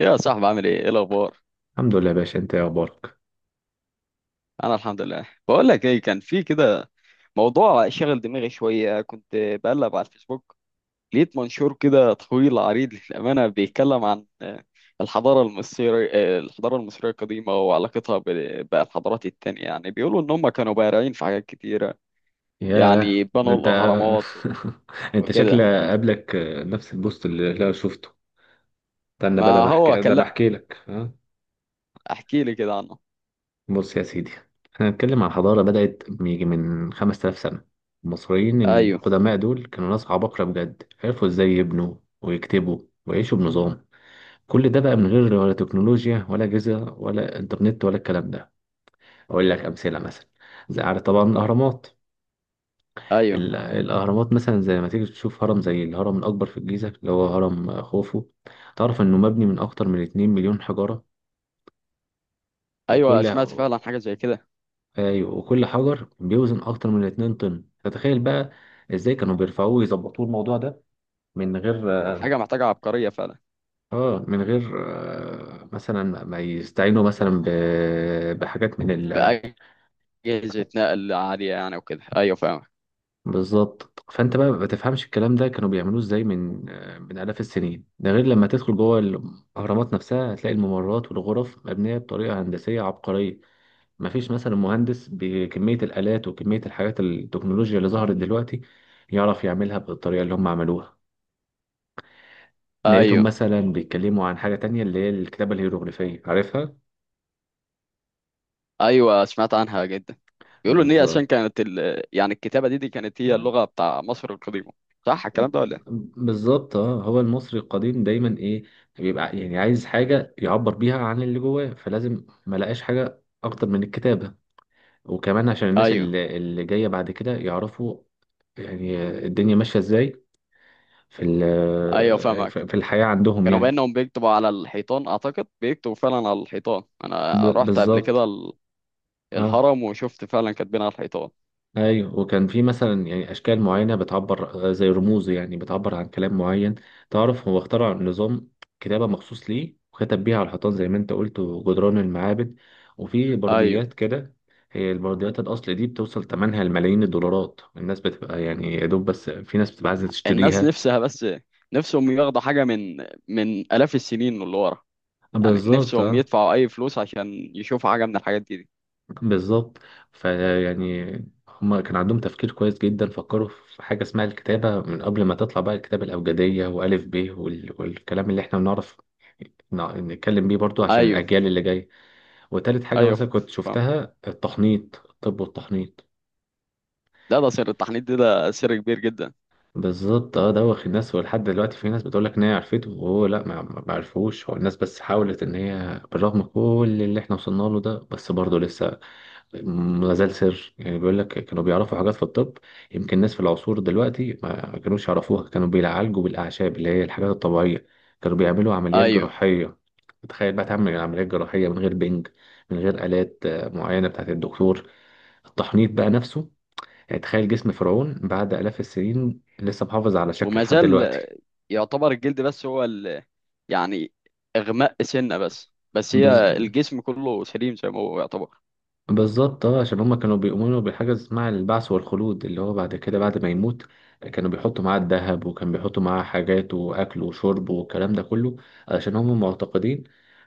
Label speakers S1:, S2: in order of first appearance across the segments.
S1: يا صاحبي، عامل ايه الاخبار؟
S2: الحمد لله يا باشا، انت ايه اخبارك؟
S1: انا الحمد لله. بقول لك ايه، كان في كده موضوع شغل دماغي شويه، كنت بقلب على الفيسبوك. لقيت منشور كده طويل عريض للامانه، بيتكلم عن الحضاره المصريه القديمه وعلاقتها بالحضارات التانية. يعني بيقولوا ان هم كانوا بارعين في حاجات كتيره، يعني
S2: ياه،
S1: بنوا
S2: انت.
S1: الاهرامات
S2: انت شكل
S1: وكده.
S2: قابلك نفس البوست اللي انا شفته. استنى بقى،
S1: ما هو
S2: ده
S1: كان.
S2: انا
S1: لا،
S2: احكي لك ها؟
S1: احكي لي كده عنه.
S2: بص يا سيدي، احنا هنتكلم عن حضاره بدات يجي من 5000 سنه. المصريين
S1: ايوه،
S2: القدماء دول كانوا ناس عباقره بجد، عرفوا ازاي يبنوا ويكتبوا ويعيشوا بنظام. كل ده بقى من غير ولا تكنولوجيا ولا اجهزه ولا انترنت ولا الكلام ده. اقول لك امثله. مثلا زي، عارف طبعا، الاهرامات.
S1: ايوه،
S2: الأهرامات مثلا، زي ما تيجي تشوف هرم زي الهرم الأكبر في الجيزة اللي هو هرم خوفو. تعرف إنه مبني من أكتر من 2 مليون حجرة.
S1: ايوه،
S2: وكل...
S1: سمعت فعلا حاجه زي كده.
S2: أيوة، وكل حجر بيوزن أكتر من 2 طن. فتخيل بقى إزاي كانوا بيرفعوه ويظبطوه الموضوع ده من غير...
S1: حاجه محتاجه عبقريه،
S2: من غير مثلا ما يستعينوا مثلا بحاجات من ال...
S1: فعلا. أجهزة نقل عالية يعني وكده، أيوة، فاهمك.
S2: بالظبط. فانت بقى ما تفهمش الكلام ده كانوا بيعملوه ازاي من من آلاف السنين. ده غير لما تدخل جوه الاهرامات نفسها، هتلاقي الممرات والغرف مبنيه بطريقه هندسيه عبقريه. ما فيش مثلا مهندس بكميه الالات وكميه الحاجات التكنولوجيا اللي ظهرت دلوقتي يعرف يعملها بالطريقه اللي هم عملوها. لقيتهم
S1: أيوة،
S2: مثلا بيتكلموا عن حاجه تانية اللي هي الكتابه الهيروغليفيه، عارفها.
S1: أيوة، سمعت عنها جدا. بيقولوا إن هي عشان
S2: بالظبط.
S1: كانت يعني الكتابة دي كانت هي اللغة بتاع مصر القديمة. صح الكلام ده ولا إيه؟
S2: بالظبط، اه. هو المصري القديم دايما ايه؟ بيبقى يعني عايز حاجه يعبر بيها عن اللي جواه، فلازم ما لقاش حاجه اكتر من الكتابه. وكمان عشان الناس
S1: أيوة،
S2: اللي جايه بعد كده يعرفوا يعني الدنيا ماشيه ازاي في
S1: أيوة،
S2: ال-
S1: فاهمك.
S2: في في الحياه عندهم
S1: كانوا
S2: يعني.
S1: بأنهم بيكتبوا على الحيطان، أعتقد بيكتبوا فعلا على الحيطان.
S2: ب-
S1: أنا رحت قبل
S2: بالظبط
S1: كده
S2: اه.
S1: الهرم وشفت فعلا كاتبين على الحيطان.
S2: ايوه، وكان في مثلا يعني اشكال معينه بتعبر، زي رموز، يعني بتعبر عن كلام معين. تعرف هو اخترع نظام كتابه مخصوص ليه، وكتب بيها على الحيطان زي ما انت قلت، وجدران المعابد، وفي
S1: أيوة.
S2: برديات كده. هي البرديات الاصل دي بتوصل ثمنها لملايين الدولارات. الناس بتبقى يعني يا دوب، بس في ناس بتبقى عايزه
S1: الناس
S2: تشتريها.
S1: نفسها، بس نفسهم ياخدوا حاجة من آلاف السنين اللي ورا. يعني
S2: بالظبط.
S1: نفسهم يدفعوا أي فلوس عشان يشوفوا حاجة من الحاجات دي.
S2: بالظبط. فيعني هما كان عندهم تفكير كويس جدا، فكروا في حاجة اسمها الكتابة من قبل ما تطلع بقى الكتابة الأبجدية وألف ب والكلام اللي احنا بنعرف نتكلم بيه برضو، عشان
S1: أيوة.
S2: الأجيال اللي جاية. وتالت حاجة
S1: ايوه،
S2: مثلا كنت
S1: فاهم.
S2: شفتها التحنيط، الطب والتحنيط.
S1: لا، ده سر التحنيط دي، ده سر كبير جدا.
S2: بالظبط، اه. دوخ الناس، ولحد دلوقتي في ناس بتقول لك ان هي عرفته، وهو لا، ما عرفوش. هو الناس بس حاولت، ان هي بالرغم كل اللي احنا وصلنا له ده، بس برضه لسه ما زال سر. يعني بيقول لك كانوا بيعرفوا حاجات في الطب يمكن الناس في العصور دلوقتي ما كانوش يعرفوها. كانوا بيعالجوا بالأعشاب اللي هي الحاجات الطبيعية. كانوا بيعملوا عمليات
S1: ايوه.
S2: جراحية. تخيل بقى تعمل عمليات جراحية من غير بنج، من غير آلات معينة بتاعت الدكتور. التحنيط بقى نفسه، يعني تخيل جسم فرعون بعد آلاف السنين لسه محافظ على شكله
S1: وما
S2: لحد
S1: زال
S2: دلوقتي.
S1: يعتبر الجلد بس هو يعني اغماء سنه، بس
S2: بز...
S1: هي الجسم كله سليم زي ما هو يعتبر.
S2: بالظبط، اه. عشان هما كانوا بيؤمنوا بحاجة اسمها البعث والخلود، اللي هو بعد كده، بعد ما يموت، كانوا بيحطوا معاه الذهب، وكان بيحطوا معاه حاجات وأكل وشرب والكلام ده كله، علشان هما معتقدين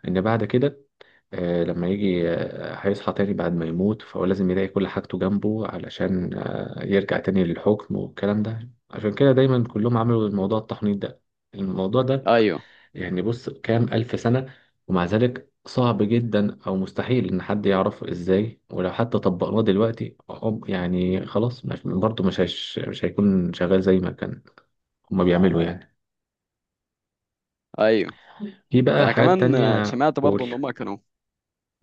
S2: إن بعد كده، لما يجي، هيصحى تاني بعد ما يموت. فهو لازم يلاقي كل حاجته جنبه علشان يرجع تاني للحكم والكلام ده. عشان كده دايما كلهم عملوا الموضوع التحنيط ده، الموضوع ده.
S1: ايوه،
S2: يعني بص، كام ألف سنة؟ ومع ذلك صعب جدا أو مستحيل إن حد يعرفه إزاي. ولو حتى طبقناه دلوقتي يعني خلاص برضه مش هيكون شغال زي ما كان هما بيعملوا يعني.
S1: ايوه،
S2: في
S1: ده
S2: بقى
S1: انا
S2: حاجات
S1: كمان
S2: تانية.
S1: سمعت برضو
S2: قول،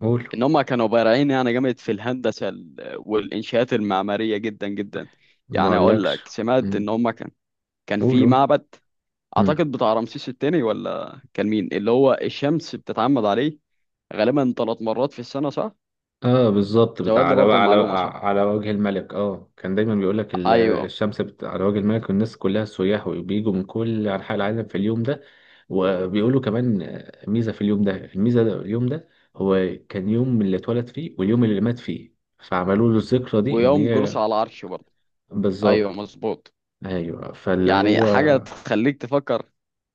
S2: قول.
S1: ان هم كانوا بارعين يعني جامد في الهندسه والانشاءات المعماريه جدا جدا.
S2: ما
S1: يعني اقول
S2: أقولكش.
S1: لك، سمعت
S2: مم.
S1: ان هم كان في
S2: قول،
S1: معبد،
S2: قول.
S1: اعتقد بتاع رمسيس الثاني ولا كان مين، اللي هو الشمس بتتعمد عليه غالبا 3 مرات في السنة، صح؟
S2: اه بالظبط، بتاع
S1: زود لي
S2: على و-
S1: برضه
S2: على
S1: المعلومة، صح؟
S2: على وجه الملك. اه، كان دايما بيقول لك ال-
S1: أيوه،
S2: الشمس على وجه الملك، والناس كلها سياح وبيجوا من كل انحاء العالم في اليوم ده. وبيقولوا كمان، ميزة في اليوم ده. الميزة ده اليوم ده هو كان يوم اللي اتولد فيه واليوم اللي مات فيه. فعملوا له الذكرى دي، ان
S1: ويوم جلوسه
S2: هي...
S1: على العرش برضه. أيوه،
S2: بالظبط.
S1: مظبوط.
S2: ايوه فاللي
S1: يعني
S2: هو
S1: حاجة تخليك تفكر،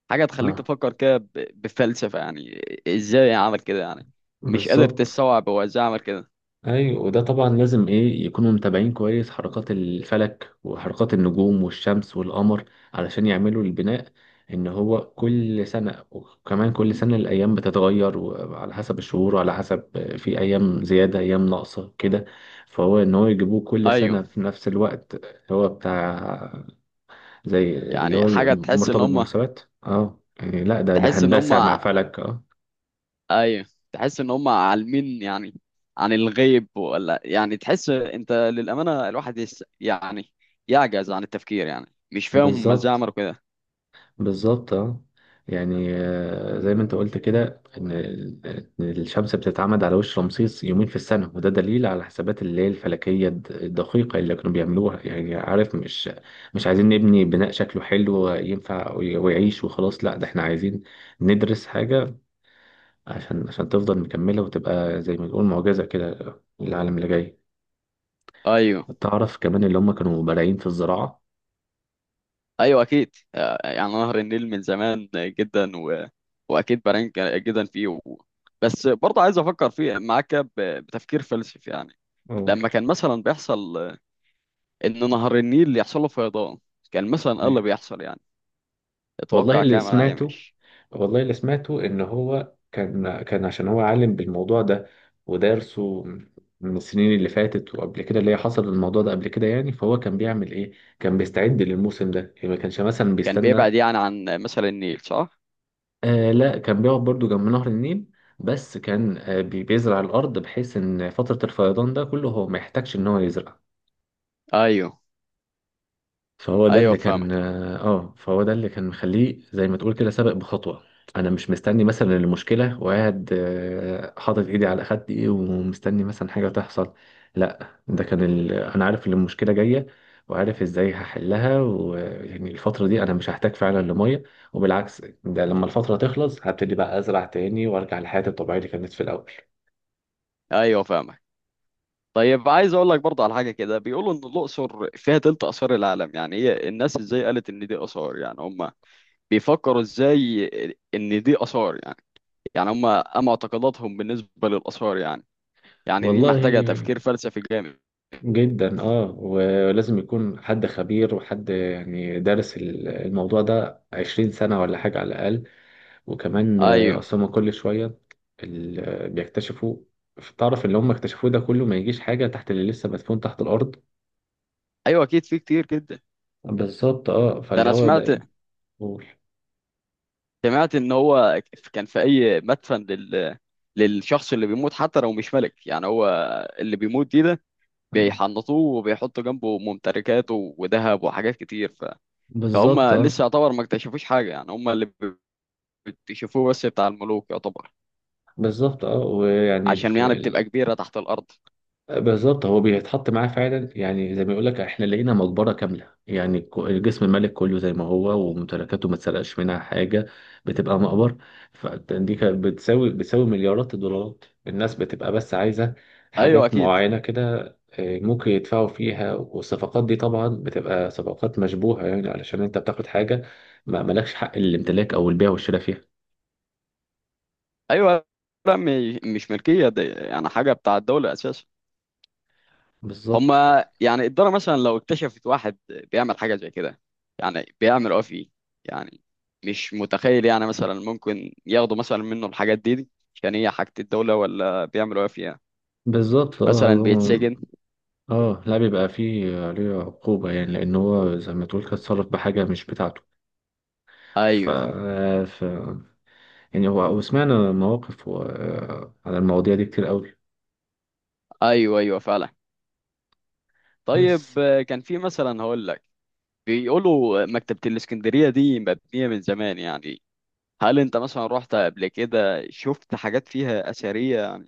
S1: حاجة تخليك
S2: اه.
S1: تفكر كده بفلسفة يعني. إزاي عمل كده يعني، مش قادر
S2: بالظبط.
S1: تستوعب هو إزاي عمل كده.
S2: ايوه، وده طبعا لازم ايه يكونوا متابعين كويس حركات الفلك وحركات النجوم والشمس والقمر علشان يعملوا البناء. ان هو كل سنة، وكمان كل سنة الايام بتتغير وعلى حسب الشهور وعلى حسب... في ايام زيادة، ايام ناقصة كده. فهو ان هو يجيبوه كل سنة
S1: أيوه،
S2: في نفس الوقت، هو بتاع زي اللي
S1: يعني
S2: هو
S1: حاجة
S2: مرتبط بمناسبات. اه يعني، لا، ده
S1: تحس إن
S2: هندسة مع
S1: هما،
S2: فلك، اه.
S1: أيوه، تحس إن هما عالمين يعني عن الغيب، ولا يعني تحس أنت، للأمانة الواحد يس يعني يعجز عن التفكير، يعني مش فاهم هما إزاي
S2: بالظبط،
S1: عملوا كده.
S2: بالظبط، اه. يعني زي ما انت قلت كده، إن الشمس بتتعمد على وش رمسيس يومين في السنه، وده دليل على الحسابات اللي هي الفلكيه الدقيقه اللي كانوا بيعملوها. يعني عارف، مش مش عايزين نبني بناء شكله حلو ينفع ويعيش وخلاص. لا ده احنا عايزين ندرس حاجه عشان تفضل مكمله، وتبقى زي ما نقول معجزه كده للعالم اللي جاي.
S1: أيوه،
S2: تعرف كمان اللي هم كانوا بارعين في الزراعه.
S1: ايوه اكيد. يعني نهر النيل من زمان جدا، واكيد برانك جدا فيه، بس برضه عايز افكر فيه معاك بتفكير فلسفي يعني.
S2: أول...
S1: لما كان مثلا بيحصل ان نهر النيل يحصل له فيضان، كان مثلا ايه اللي بيحصل يعني؟
S2: والله
S1: اتوقع
S2: اللي
S1: كام انا
S2: سمعته
S1: يمش.
S2: والله اللي سمعته ان هو كان عشان هو عالم بالموضوع ده ودارسه من السنين اللي فاتت، وقبل كده اللي هي حصل الموضوع ده قبل كده يعني. فهو كان بيعمل ايه؟ كان بيستعد للموسم ده، يعني ما كانش مثلا
S1: كان
S2: بيستنى.
S1: بيبعد يعني عن مثلا النيل، صح؟
S2: آه، لا، كان بيقعد برضو جنب نهر النيل. بس كان بيزرع الارض، بحيث ان فترة الفيضان ده كله هو ما يحتاجش ان هو يزرع.
S1: ايوه. ايوه فاهمك.
S2: فهو ده اللي كان مخليه زي ما تقول كده سابق بخطوة. انا مش مستني مثلا المشكلة، وقاعد حاطط ايدي على خدي ومستني مثلا حاجة تحصل. لا ده كان انا عارف ان المشكلة جاية، وعارف ازاي هحلها، ويعني الفترة دي انا مش هحتاج فعلا لمية. وبالعكس، ده لما الفترة تخلص هبتدي بقى ازرع تاني وارجع لحياتي الطبيعية اللي كانت في الاول.
S1: ايوه فاهمك. طيب، عايز اقول لك برضه على حاجه كده، بيقولوا ان الاقصر فيها تلت اثار العالم. يعني هي الناس ازاي قالت ان دي اثار يعني؟ هم بيفكروا ازاي ان دي اثار يعني هم ام اعتقاداتهم بالنسبه للاثار يعني، يعني دي محتاجه
S2: والله،
S1: تفكير فلسفي جامد.
S2: جدا اه. ولازم يكون حد خبير، وحد يعني دارس الموضوع ده 20 سنة ولا حاجة على الأقل. وكمان
S1: ايوه.
S2: أصل هما كل شوية اللي بيكتشفوا. تعرف اللي هم اكتشفوه ده كله ما يجيش حاجة تحت اللي لسه مدفون تحت الأرض.
S1: ايوه اكيد، في كتير جدا.
S2: بالظبط، اه.
S1: ده
S2: فاللي
S1: انا
S2: هو
S1: سمعت،
S2: ده. قول.
S1: ان هو كان في اي مدفن للشخص اللي بيموت، حتى لو مش ملك يعني، هو اللي بيموت دي ده بيحنطوه وبيحطوا جنبه ممتلكاته وذهب وحاجات كتير فهم
S2: بالظبط،
S1: لسه
S2: اه.
S1: يعتبر ما اكتشفوش حاجه، يعني هم اللي بيكتشفوه بس بتاع الملوك يعتبر،
S2: بالظبط، اه. ويعني
S1: عشان يعني بتبقى كبيره تحت الارض.
S2: بالظبط. هو بيتحط معاه فعلا، يعني زي ما يقول لك احنا لقينا مقبره كامله، يعني الجسم الملك كله زي ما هو، وممتلكاته ما اتسرقش منها حاجه. بتبقى مقبره. فدي كانت بتساوي مليارات الدولارات. الناس بتبقى بس عايزه
S1: ايوه
S2: حاجات
S1: اكيد.
S2: معينه كده، ممكن يدفعوا فيها. والصفقات دي طبعا بتبقى صفقات مشبوهه، يعني علشان انت بتاخد حاجه ما مالكش حق الامتلاك او البيع والشراء فيها.
S1: ايوه، لا، مش ملكيه، دي يعني حاجه بتاع الدوله اساسا.
S2: بالظبط،
S1: هما يعني الدوله مثلا لو اكتشفت واحد بيعمل حاجه زي كده، يعني بيعمل ايه فيه يعني؟ مش متخيل يعني، مثلا ممكن ياخدوا مثلا منه الحاجات دي، عشان هي حاجه الدوله، ولا بيعملوا ايه فيها؟
S2: بالظبط،
S1: مثلا
S2: اه.
S1: بيتسجن؟
S2: اه، لا، بيبقى فيه عليه عقوبة، يعني لأن هو زي ما تقول كده اتصرف بحاجة مش بتاعته. ف...
S1: ايوه.
S2: ف... يعني هو، وسمعنا مواقف و... آه، على المواضيع دي كتير قوي،
S1: ايوه، ايوه فعلا.
S2: بس...
S1: طيب، كان في مثلا هقول لك، بيقولوا مكتبه الاسكندريه دي مبنيه من زمان يعني. هل انت مثلا رحت قبل كده شفت حاجات فيها اثريه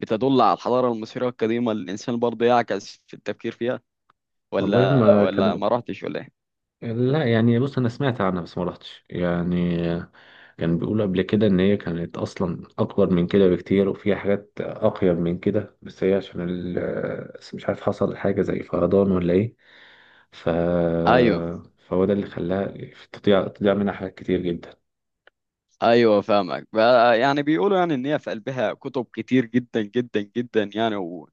S1: بتدل على الحضارة المصرية القديمة، اللي الإنسان برضه يعكس في التفكير فيها،
S2: والله
S1: ولا
S2: هما
S1: ولا
S2: كانوا...
S1: ما رحتش ولا إيه؟
S2: لا، يعني بص، أنا سمعت عنها بس ما رحتش يعني. كان بيقولوا قبل كده إن هي كانت أصلا أكبر من كده بكتير وفيها حاجات أقيم من كده، بس هي عشان بس مش عارف حصل حاجة زي فيضان ولا إيه. ف...
S1: أيوه.
S2: فهو ده اللي خلاها تضيع منها حاجات كتير جدا.
S1: أيوه فاهمك بقى. يعني بيقولوا يعني إن هي في قلبها كتب كتير جدا جدا جدا يعني،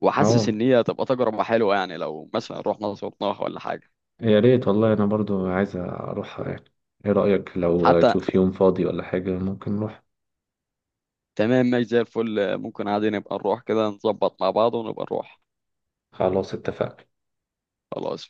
S1: وحاسس
S2: اه،
S1: إن هي تبقى تجربة حلوة يعني، لو مثلا رحنا صوتناها ولا حاجة.
S2: يا ريت والله. انا برضو عايز اروحها يعني. ايه رأيك لو
S1: حتى
S2: اشوف يوم فاضي ولا حاجة ممكن نروح؟
S1: تمام، ماشي زي الفل، ممكن عادي نبقى نروح كده، نظبط مع بعض ونبقى نروح.
S2: خلاص، اتفقنا.
S1: خلاص.